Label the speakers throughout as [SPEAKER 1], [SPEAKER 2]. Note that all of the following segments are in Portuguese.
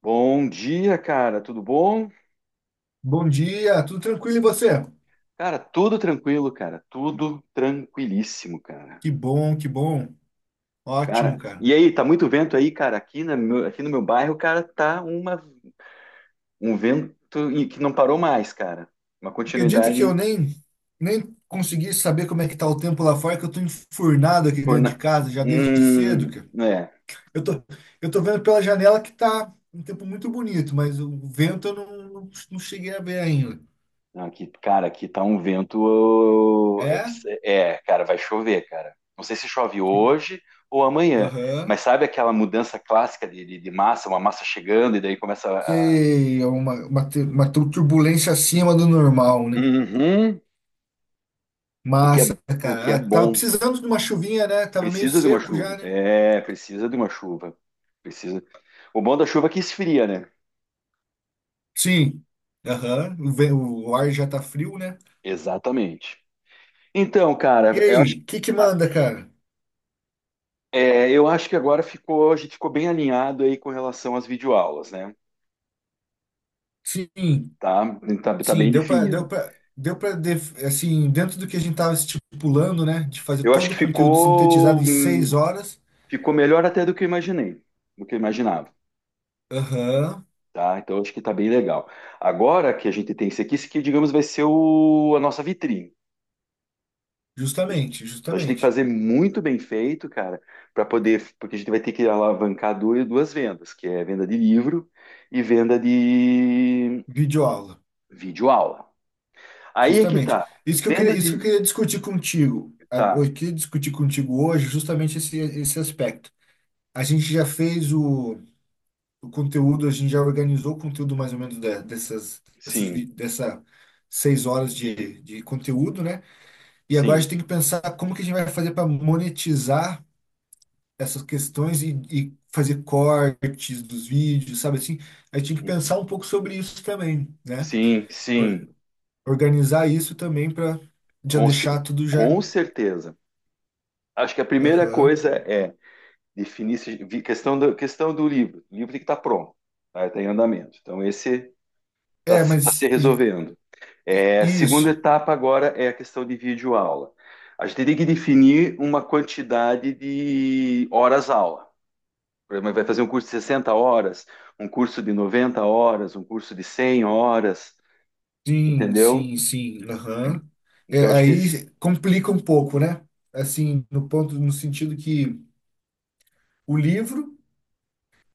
[SPEAKER 1] Bom dia, cara. Tudo bom?
[SPEAKER 2] Bom dia, tudo tranquilo e você?
[SPEAKER 1] Cara, tudo tranquilo, cara. Tudo tranquilíssimo, cara.
[SPEAKER 2] Que bom, que bom. Ótimo,
[SPEAKER 1] Cara,
[SPEAKER 2] cara.
[SPEAKER 1] e aí, tá muito vento aí, cara? Aqui no meu bairro, cara, tá um vento e que não parou mais, cara. Uma
[SPEAKER 2] Acredita que eu
[SPEAKER 1] continuidade.
[SPEAKER 2] nem consegui saber como é que tá o tempo lá fora, que eu tô enfurnado aqui dentro de
[SPEAKER 1] torna-
[SPEAKER 2] casa já desde cedo,
[SPEAKER 1] Hum,
[SPEAKER 2] cara.
[SPEAKER 1] é.
[SPEAKER 2] Eu tô eu tô vendo pela janela que tá um tempo muito bonito, mas o vento eu não cheguei a ver ainda.
[SPEAKER 1] Não, aqui, cara, aqui tá um vento. Ô, É,
[SPEAKER 2] É?
[SPEAKER 1] abs- é, cara, vai chover, cara. Não sei se chove
[SPEAKER 2] Que-
[SPEAKER 1] hoje ou amanhã,
[SPEAKER 2] Aham.
[SPEAKER 1] mas sabe aquela mudança clássica de massa, uma massa chegando e daí começa.
[SPEAKER 2] Sei, é uma turbulência acima do normal, né?
[SPEAKER 1] Uhum. O que
[SPEAKER 2] Massa,
[SPEAKER 1] é, o que
[SPEAKER 2] cara.
[SPEAKER 1] é
[SPEAKER 2] Ah, tava
[SPEAKER 1] bom.
[SPEAKER 2] precisando de uma chuvinha, né? Tava meio
[SPEAKER 1] Precisa de uma
[SPEAKER 2] seco
[SPEAKER 1] chuva.
[SPEAKER 2] já, né?
[SPEAKER 1] É, precisa de uma chuva. Precisa. O bom da chuva é que esfria, né?
[SPEAKER 2] Sim. Aham. O ar já tá frio, né?
[SPEAKER 1] Exatamente. Então,
[SPEAKER 2] E
[SPEAKER 1] cara,
[SPEAKER 2] aí, o que que
[SPEAKER 1] ah,
[SPEAKER 2] manda, cara?
[SPEAKER 1] eu acho que agora a gente ficou bem alinhado aí com relação às videoaulas, né?
[SPEAKER 2] Sim,
[SPEAKER 1] Tá, tá, tá
[SPEAKER 2] sim,
[SPEAKER 1] bem definido.
[SPEAKER 2] assim, dentro do que a gente tava estipulando, né? De fazer
[SPEAKER 1] Eu acho
[SPEAKER 2] todo
[SPEAKER 1] que
[SPEAKER 2] o conteúdo sintetizado
[SPEAKER 1] ficou,
[SPEAKER 2] em seis
[SPEAKER 1] hum,
[SPEAKER 2] horas.
[SPEAKER 1] ficou melhor até do que eu imaginei, do que eu imaginava.
[SPEAKER 2] Aham.
[SPEAKER 1] Tá? Então, acho que tá bem legal. Agora que a gente tem esse aqui, digamos, vai ser a nossa vitrine. A gente-
[SPEAKER 2] Justamente,
[SPEAKER 1] Então a gente tem que
[SPEAKER 2] justamente.
[SPEAKER 1] fazer muito bem feito, cara, para poder, porque a gente vai ter que alavancar duas vendas, que é venda de livro e venda de
[SPEAKER 2] Videoaula.
[SPEAKER 1] videoaula. Aí é que
[SPEAKER 2] Justamente.
[SPEAKER 1] tá.
[SPEAKER 2] Isso que eu queria,
[SPEAKER 1] Venda
[SPEAKER 2] isso que eu
[SPEAKER 1] de.
[SPEAKER 2] queria discutir contigo.
[SPEAKER 1] Tá,
[SPEAKER 2] Eu queria discutir contigo hoje justamente esse aspecto. A gente já fez o. O conteúdo, a gente já organizou o conteúdo mais ou menos de- dessas, dessas,
[SPEAKER 1] sim,
[SPEAKER 2] vi- dessa 6 horas de conteúdo, né? E agora a
[SPEAKER 1] sim,
[SPEAKER 2] gente tem que pensar como que a gente vai fazer para monetizar essas questões e fazer cortes dos vídeos, sabe assim? A gente tem que pensar um pouco sobre isso também, né?
[SPEAKER 1] sim, sim,
[SPEAKER 2] Or- Organizar isso também para já
[SPEAKER 1] com,
[SPEAKER 2] deixar
[SPEAKER 1] ce-
[SPEAKER 2] tudo já.
[SPEAKER 1] com certeza. Acho que a primeira
[SPEAKER 2] Aham.
[SPEAKER 1] coisa é definir questão do livro. O livro tem que estar pronto, tá? Está em andamento. Então esse está
[SPEAKER 2] É,
[SPEAKER 1] tá se
[SPEAKER 2] mas
[SPEAKER 1] resolvendo. É, a segunda
[SPEAKER 2] isso.
[SPEAKER 1] etapa agora é a questão de videoaula. A gente tem que definir uma quantidade de horas-aula. Por exemplo, vai fazer um curso de 60 horas, um curso de 90 horas, um curso de 100 horas,
[SPEAKER 2] Sim,
[SPEAKER 1] entendeu?
[SPEAKER 2] sim, sim. Aham.
[SPEAKER 1] Então,
[SPEAKER 2] É,
[SPEAKER 1] acho que esse...
[SPEAKER 2] aí complica um pouco, né? Assim, no ponto, no sentido que o livro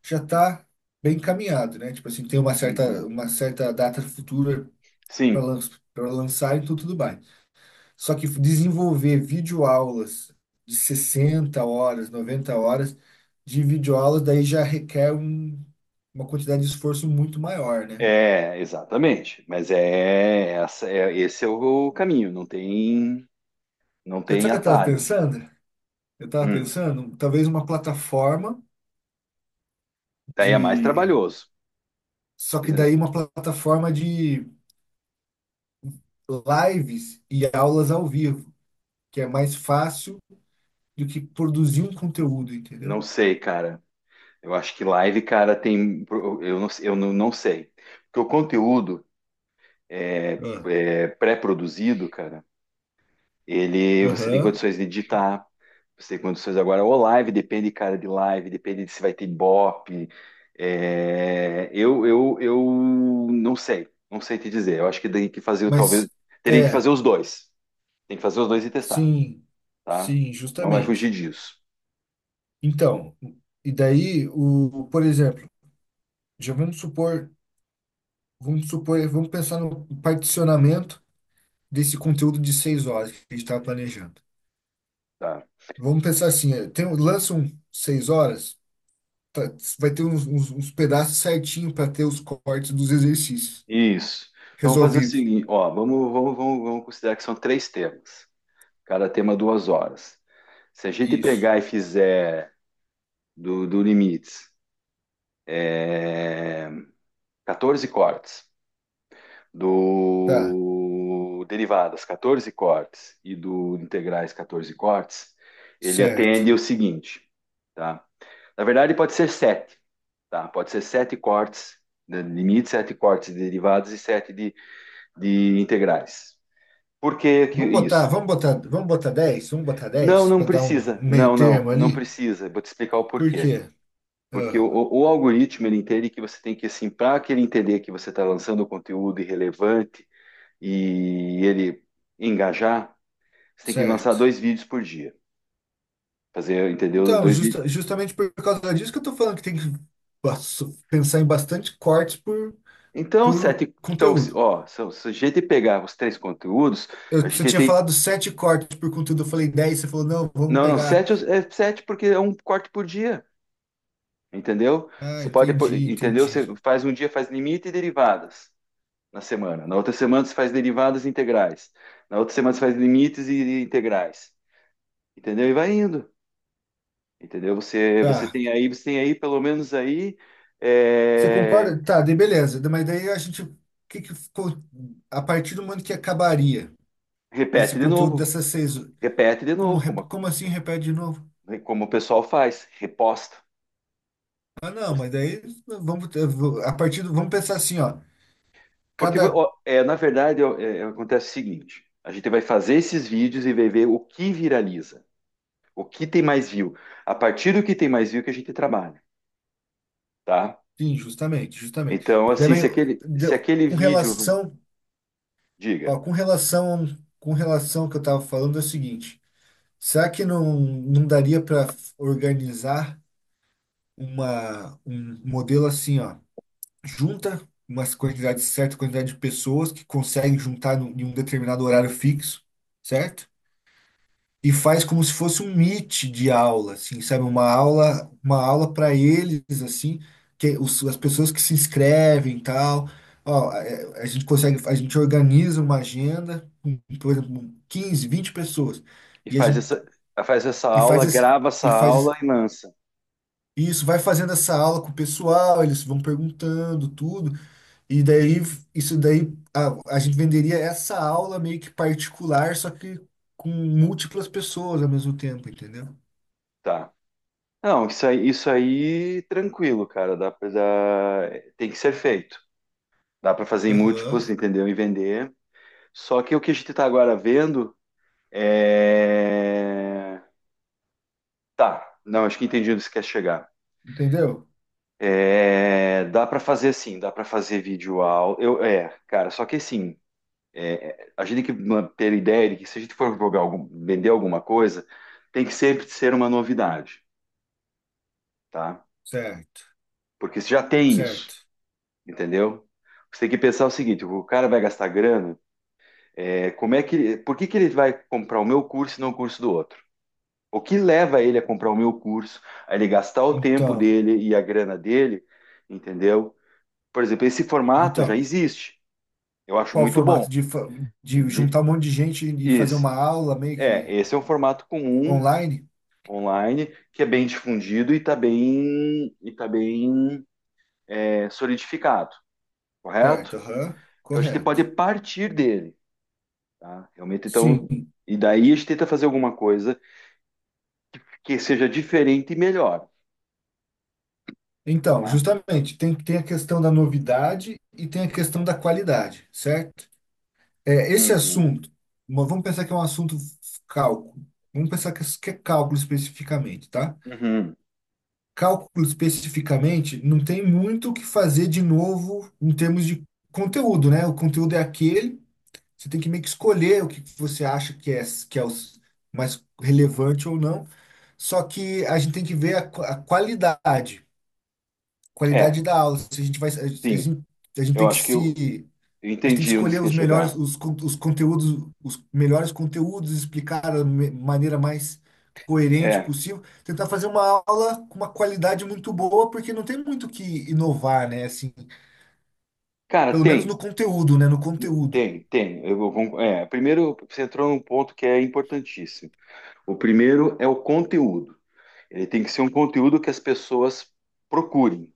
[SPEAKER 2] já está bem encaminhado, né? Tipo assim, tem uma
[SPEAKER 1] Uhum.
[SPEAKER 2] certa, uma certa data futura para
[SPEAKER 1] Sim,
[SPEAKER 2] lan para lançar, então tudo bem. Só que desenvolver videoaulas de 60 horas, 90 horas de videoaulas, daí já requer uma quantidade de esforço muito maior, né?
[SPEAKER 1] é, exatamente. Mas é, esse é o caminho, não tem, não
[SPEAKER 2] Sabe o
[SPEAKER 1] tem
[SPEAKER 2] que eu estava
[SPEAKER 1] atalho.
[SPEAKER 2] pensando? Eu estava
[SPEAKER 1] Hum.
[SPEAKER 2] pensando, talvez uma plataforma
[SPEAKER 1] Daí é mais
[SPEAKER 2] de
[SPEAKER 1] trabalhoso. Quer
[SPEAKER 2] só que
[SPEAKER 1] dizer,
[SPEAKER 2] daí uma plataforma de lives e aulas ao vivo, que é mais fácil do que produzir um conteúdo, entendeu?
[SPEAKER 1] não sei, cara. Eu acho que live, cara, tem. Eu não sei. Porque o conteúdo é,
[SPEAKER 2] Ah,
[SPEAKER 1] é pré-produzido, cara, ele você tem
[SPEAKER 2] aham.
[SPEAKER 1] condições de editar, você tem condições agora. Ou live, depende, cara, de live, depende de se vai ter ibope. É, eu não sei, não sei te dizer. Eu acho que tem que fazer, talvez.
[SPEAKER 2] Mas
[SPEAKER 1] Teria que
[SPEAKER 2] é,
[SPEAKER 1] fazer os dois. Tem que fazer os dois e testar,
[SPEAKER 2] sim,
[SPEAKER 1] tá?
[SPEAKER 2] sim,
[SPEAKER 1] Não vai fugir
[SPEAKER 2] justamente.
[SPEAKER 1] disso,
[SPEAKER 2] Então, e daí o, por exemplo, já vamos pensar no particionamento desse conteúdo de 6 horas que a gente estava planejando.
[SPEAKER 1] tá?
[SPEAKER 2] Vamos pensar assim, tem, lança um 6 horas, tá- vai ter uns pedaços certinho para ter os cortes dos exercícios
[SPEAKER 1] Isso. Então, vamos fazer o
[SPEAKER 2] resolvidos.
[SPEAKER 1] seguinte, ó, vamos considerar que são três temas. Cada tema 2 horas. Se a gente
[SPEAKER 2] Isso.
[SPEAKER 1] pegar e fizer do limites, é, 14 cortes,
[SPEAKER 2] Tá,
[SPEAKER 1] do derivadas, 14 cortes e do integrais, 14 cortes, ele
[SPEAKER 2] certo.
[SPEAKER 1] atende o seguinte, tá? Na verdade, pode ser sete, tá? Pode ser sete cortes de limites, sete cortes de derivadas e sete de integrais. Por que que
[SPEAKER 2] Vamos botar,
[SPEAKER 1] isso?
[SPEAKER 2] vamos botar, vamos botar
[SPEAKER 1] Não,
[SPEAKER 2] 10
[SPEAKER 1] não
[SPEAKER 2] para dar um
[SPEAKER 1] precisa.
[SPEAKER 2] um meio
[SPEAKER 1] Não, não,
[SPEAKER 2] termo
[SPEAKER 1] não
[SPEAKER 2] ali.
[SPEAKER 1] precisa. Vou te explicar o
[SPEAKER 2] Por
[SPEAKER 1] porquê.
[SPEAKER 2] quê?
[SPEAKER 1] Porque o,
[SPEAKER 2] Ah,
[SPEAKER 1] o- o algoritmo ele entende que você tem que assim, para que ele entender que você está lançando conteúdo irrelevante e ele engajar, você tem que lançar
[SPEAKER 2] certo.
[SPEAKER 1] dois vídeos por dia. Fazer, entendeu?
[SPEAKER 2] Então,
[SPEAKER 1] Dois vídeos.
[SPEAKER 2] justamente por causa disso que eu tô falando que tem que bas- pensar em bastante cortes por,
[SPEAKER 1] Então,
[SPEAKER 2] por
[SPEAKER 1] sete. Então, se-
[SPEAKER 2] conteúdo.
[SPEAKER 1] ó, se a gente pegar os três conteúdos, a
[SPEAKER 2] Você
[SPEAKER 1] gente
[SPEAKER 2] tinha
[SPEAKER 1] tem.
[SPEAKER 2] falado 7 cortes por conteúdo, eu falei 10, você falou, não, vamos
[SPEAKER 1] Não, não,
[SPEAKER 2] pegar.
[SPEAKER 1] sete é sete porque é um corte por dia. Entendeu?
[SPEAKER 2] Ah, entendi,
[SPEAKER 1] Entendeu? Você
[SPEAKER 2] entendi.
[SPEAKER 1] faz um dia, faz limite e derivadas na semana. Na outra semana você faz derivadas e integrais. Na outra semana você faz limites e integrais. Entendeu? E vai indo. Entendeu? Você, você
[SPEAKER 2] Tá.
[SPEAKER 1] tem aí, você tem aí, pelo menos aí,
[SPEAKER 2] Você
[SPEAKER 1] é,
[SPEAKER 2] concorda? Tá, daí beleza. Mas daí a gente, o que que ficou a partir do momento que acabaria esse
[SPEAKER 1] repete de
[SPEAKER 2] conteúdo
[SPEAKER 1] novo,
[SPEAKER 2] dessas seis?
[SPEAKER 1] repete de
[SPEAKER 2] Como,
[SPEAKER 1] novo,
[SPEAKER 2] rep-
[SPEAKER 1] como,
[SPEAKER 2] como assim repete de novo?
[SPEAKER 1] como o pessoal faz, reposta.
[SPEAKER 2] Ah, não,
[SPEAKER 1] Você-
[SPEAKER 2] mas daí a partir do, vamos pensar assim, ó.
[SPEAKER 1] Porque,
[SPEAKER 2] Cada
[SPEAKER 1] na verdade, acontece o seguinte: a gente vai fazer esses vídeos e vai ver o que viraliza, o que tem mais view. A partir do que tem mais view que a gente trabalha, tá?
[SPEAKER 2] Sim, justamente, justamente.
[SPEAKER 1] Então, assim,
[SPEAKER 2] Também
[SPEAKER 1] se aquele, se aquele
[SPEAKER 2] com
[SPEAKER 1] vídeo.
[SPEAKER 2] relação,
[SPEAKER 1] Diga.
[SPEAKER 2] ó, com relação ao que eu estava falando é o seguinte. Será que não daria para organizar um modelo assim, ó? Junta certa quantidade de pessoas que conseguem juntar em um determinado horário fixo, certo? E faz como se fosse um meet de aula, assim, sabe? Uma aula para eles, assim, que é as pessoas que se inscrevem e tal. Ó, é, a gente organiza uma agenda com, por exemplo, 15, 20 pessoas.
[SPEAKER 1] E
[SPEAKER 2] E a
[SPEAKER 1] faz
[SPEAKER 2] gente
[SPEAKER 1] essa, faz essa
[SPEAKER 2] e
[SPEAKER 1] aula,
[SPEAKER 2] faz esse,
[SPEAKER 1] grava essa
[SPEAKER 2] e
[SPEAKER 1] aula
[SPEAKER 2] faz
[SPEAKER 1] e lança.
[SPEAKER 2] isso, vai fazendo essa aula com o pessoal, eles vão perguntando tudo. E daí, isso daí, a gente venderia essa aula meio que particular, só que com múltiplas pessoas ao mesmo tempo, entendeu?
[SPEAKER 1] Tá. Não, isso aí tranquilo, cara. Tem que ser feito. Dá para fazer em múltiplos,
[SPEAKER 2] Aham.
[SPEAKER 1] entendeu? E vender. Só que o que a gente tá agora vendo é. Tá. Não, acho que entendi onde você quer chegar.
[SPEAKER 2] Entendeu?
[SPEAKER 1] É, dá para fazer sim, dá para fazer vídeo aula. Cara, só que assim, a gente tem que ter ideia de que se a gente for jogar algum, vender alguma coisa, tem que sempre ser uma novidade, tá?
[SPEAKER 2] Certo,
[SPEAKER 1] Porque você já tem isso,
[SPEAKER 2] certo.
[SPEAKER 1] entendeu? Você tem que pensar o seguinte: o cara vai gastar grana, por que que ele vai comprar o meu curso e não o curso do outro? O que leva ele a comprar o meu curso, a ele gastar o tempo
[SPEAKER 2] Então,
[SPEAKER 1] dele e a grana dele, entendeu? Por exemplo, esse formato já
[SPEAKER 2] então,
[SPEAKER 1] existe. Eu acho
[SPEAKER 2] qual o
[SPEAKER 1] muito bom.
[SPEAKER 2] formato de
[SPEAKER 1] De-
[SPEAKER 2] juntar um monte de gente e fazer
[SPEAKER 1] Esse,
[SPEAKER 2] uma aula meio
[SPEAKER 1] é,
[SPEAKER 2] que
[SPEAKER 1] esse é um formato comum
[SPEAKER 2] online?
[SPEAKER 1] online, que é bem difundido e tá bem, solidificado, correto?
[SPEAKER 2] Certo, aham,
[SPEAKER 1] Então a gente
[SPEAKER 2] correto.
[SPEAKER 1] pode partir dele, tá? Realmente,
[SPEAKER 2] Sim.
[SPEAKER 1] então, e daí a gente tenta fazer alguma coisa que seja diferente e melhor,
[SPEAKER 2] Então,
[SPEAKER 1] tá?
[SPEAKER 2] justamente, tem a questão da novidade e tem a questão da qualidade, certo? É, esse
[SPEAKER 1] Uhum,
[SPEAKER 2] assunto, mas vamos pensar que é um assunto cálculo. Vamos pensar que é cálculo especificamente, tá?
[SPEAKER 1] uhum.
[SPEAKER 2] Cálculo especificamente não tem muito o que fazer de novo em termos de conteúdo, né? O conteúdo é aquele, você tem que meio que escolher o que você acha que é mais relevante ou não. Só que a gente tem que ver a qualidade
[SPEAKER 1] É,
[SPEAKER 2] da aula. Se a gente vai,
[SPEAKER 1] sim,
[SPEAKER 2] gente, a gente
[SPEAKER 1] eu
[SPEAKER 2] tem que
[SPEAKER 1] acho que eu,
[SPEAKER 2] se
[SPEAKER 1] eu
[SPEAKER 2] a gente tem que
[SPEAKER 1] entendi onde você
[SPEAKER 2] escolher
[SPEAKER 1] quer chegar.
[SPEAKER 2] os melhores conteúdos, explicar da maneira mais coerente
[SPEAKER 1] É,
[SPEAKER 2] possível, tentar fazer uma aula com uma qualidade muito boa, porque não tem muito o que inovar, né? Assim,
[SPEAKER 1] cara,
[SPEAKER 2] pelo menos
[SPEAKER 1] tem,
[SPEAKER 2] no conteúdo, né? No conteúdo.
[SPEAKER 1] tem, tem. Eu, vou con- é, Primeiro, você entrou num ponto que é importantíssimo. O primeiro é o conteúdo. Ele tem que ser um conteúdo que as pessoas procurem.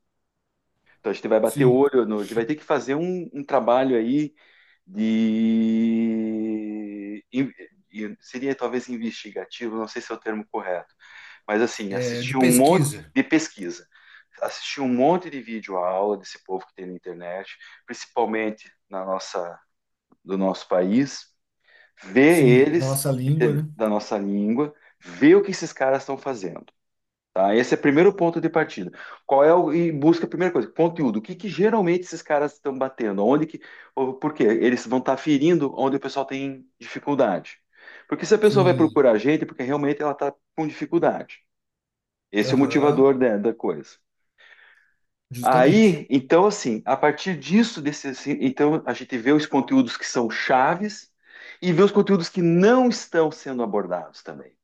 [SPEAKER 1] Então a gente vai bater o
[SPEAKER 2] Sim,
[SPEAKER 1] olho, a gente vai ter que fazer um trabalho aí de. in- seria talvez investigativo, não sei se é o termo correto, mas assim,
[SPEAKER 2] de
[SPEAKER 1] assistir um monte
[SPEAKER 2] pesquisa.
[SPEAKER 1] de pesquisa, assistir um monte de vídeo aula desse povo que tem na internet, principalmente na nossa, do nosso país, ver
[SPEAKER 2] Sim, na
[SPEAKER 1] eles,
[SPEAKER 2] nossa língua,
[SPEAKER 1] entende?
[SPEAKER 2] né?
[SPEAKER 1] Da nossa língua, ver o que esses caras estão fazendo. Tá? Esse é o primeiro ponto de partida. Qual é o, e busca a primeira coisa, conteúdo. O que que geralmente esses caras estão batendo? Onde que, ou por quê? Eles vão estar ferindo onde o pessoal tem dificuldade. Porque se a pessoa vai
[SPEAKER 2] Sim,
[SPEAKER 1] procurar a gente, é porque realmente ela está com dificuldade. Esse é o
[SPEAKER 2] aham,
[SPEAKER 1] motivador da coisa.
[SPEAKER 2] justamente.
[SPEAKER 1] Aí, então, assim, a partir disso, desse, assim, então a gente vê os conteúdos que são chaves e vê os conteúdos que não estão sendo abordados também,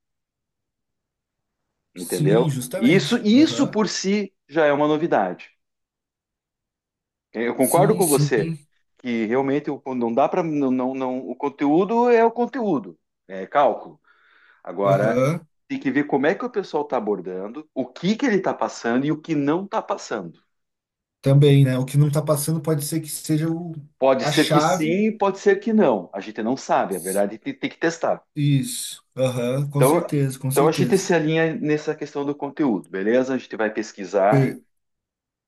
[SPEAKER 1] entendeu?
[SPEAKER 2] Sim,
[SPEAKER 1] Isso,
[SPEAKER 2] justamente.
[SPEAKER 1] isso
[SPEAKER 2] Aham.
[SPEAKER 1] por si já é uma novidade. Eu concordo
[SPEAKER 2] Sim,
[SPEAKER 1] com
[SPEAKER 2] sim.
[SPEAKER 1] você que realmente não dá para não, não, o conteúdo, é cálculo. Agora
[SPEAKER 2] Aham.
[SPEAKER 1] tem que ver como é que o pessoal está abordando, o que que ele está passando e o que não está passando.
[SPEAKER 2] Também, né? O que não está passando pode ser que seja o,
[SPEAKER 1] Pode
[SPEAKER 2] a
[SPEAKER 1] ser que
[SPEAKER 2] chave.
[SPEAKER 1] sim, pode ser que não. A gente não sabe, a verdade tem que testar.
[SPEAKER 2] Isso. Aham, com
[SPEAKER 1] Então,
[SPEAKER 2] certeza, com
[SPEAKER 1] então a gente
[SPEAKER 2] certeza.
[SPEAKER 1] se alinha nessa questão do conteúdo, beleza? A gente vai pesquisar.
[SPEAKER 2] Per-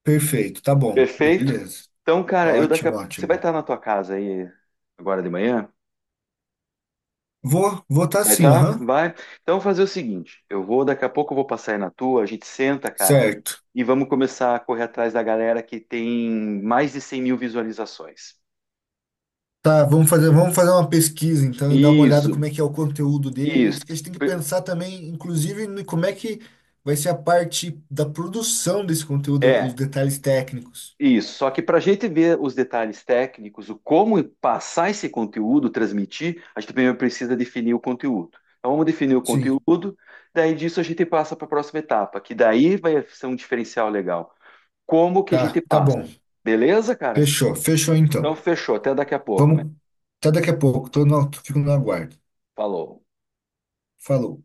[SPEAKER 2] perfeito, tá bom.
[SPEAKER 1] Perfeito.
[SPEAKER 2] Beleza.
[SPEAKER 1] Então, cara,
[SPEAKER 2] Ótimo,
[SPEAKER 1] você vai
[SPEAKER 2] ótimo.
[SPEAKER 1] estar na tua casa aí agora de manhã?
[SPEAKER 2] Vou tá
[SPEAKER 1] Vai
[SPEAKER 2] sim,
[SPEAKER 1] tá?
[SPEAKER 2] aham.
[SPEAKER 1] Vai. Então, vou fazer o seguinte: daqui a pouco eu vou passar aí na tua, a gente senta, cara,
[SPEAKER 2] Certo.
[SPEAKER 1] e vamos começar a correr atrás da galera que tem mais de 100 mil visualizações.
[SPEAKER 2] Tá, vamos fazer uma pesquisa então e dar uma olhada
[SPEAKER 1] Isso,
[SPEAKER 2] como é que é o conteúdo
[SPEAKER 1] isso.
[SPEAKER 2] deles, que a gente tem que pensar também, inclusive, como é que vai ser a parte da produção desse conteúdo, os
[SPEAKER 1] É,
[SPEAKER 2] detalhes técnicos.
[SPEAKER 1] isso. Só que para a gente ver os detalhes técnicos, o como passar esse conteúdo, transmitir, a gente primeiro precisa definir o conteúdo. Então, vamos definir o
[SPEAKER 2] Sim,
[SPEAKER 1] conteúdo, daí disso a gente passa para a próxima etapa, que daí vai ser um diferencial legal. Como que a gente
[SPEAKER 2] tá, tá
[SPEAKER 1] passa?
[SPEAKER 2] bom.
[SPEAKER 1] Beleza, cara?
[SPEAKER 2] Fechou, fechou
[SPEAKER 1] Então,
[SPEAKER 2] então.
[SPEAKER 1] fechou. Até daqui a pouco, man.
[SPEAKER 2] Vamos, até daqui a pouco. Tô no, fico no aguardo.
[SPEAKER 1] Falou.
[SPEAKER 2] Falou.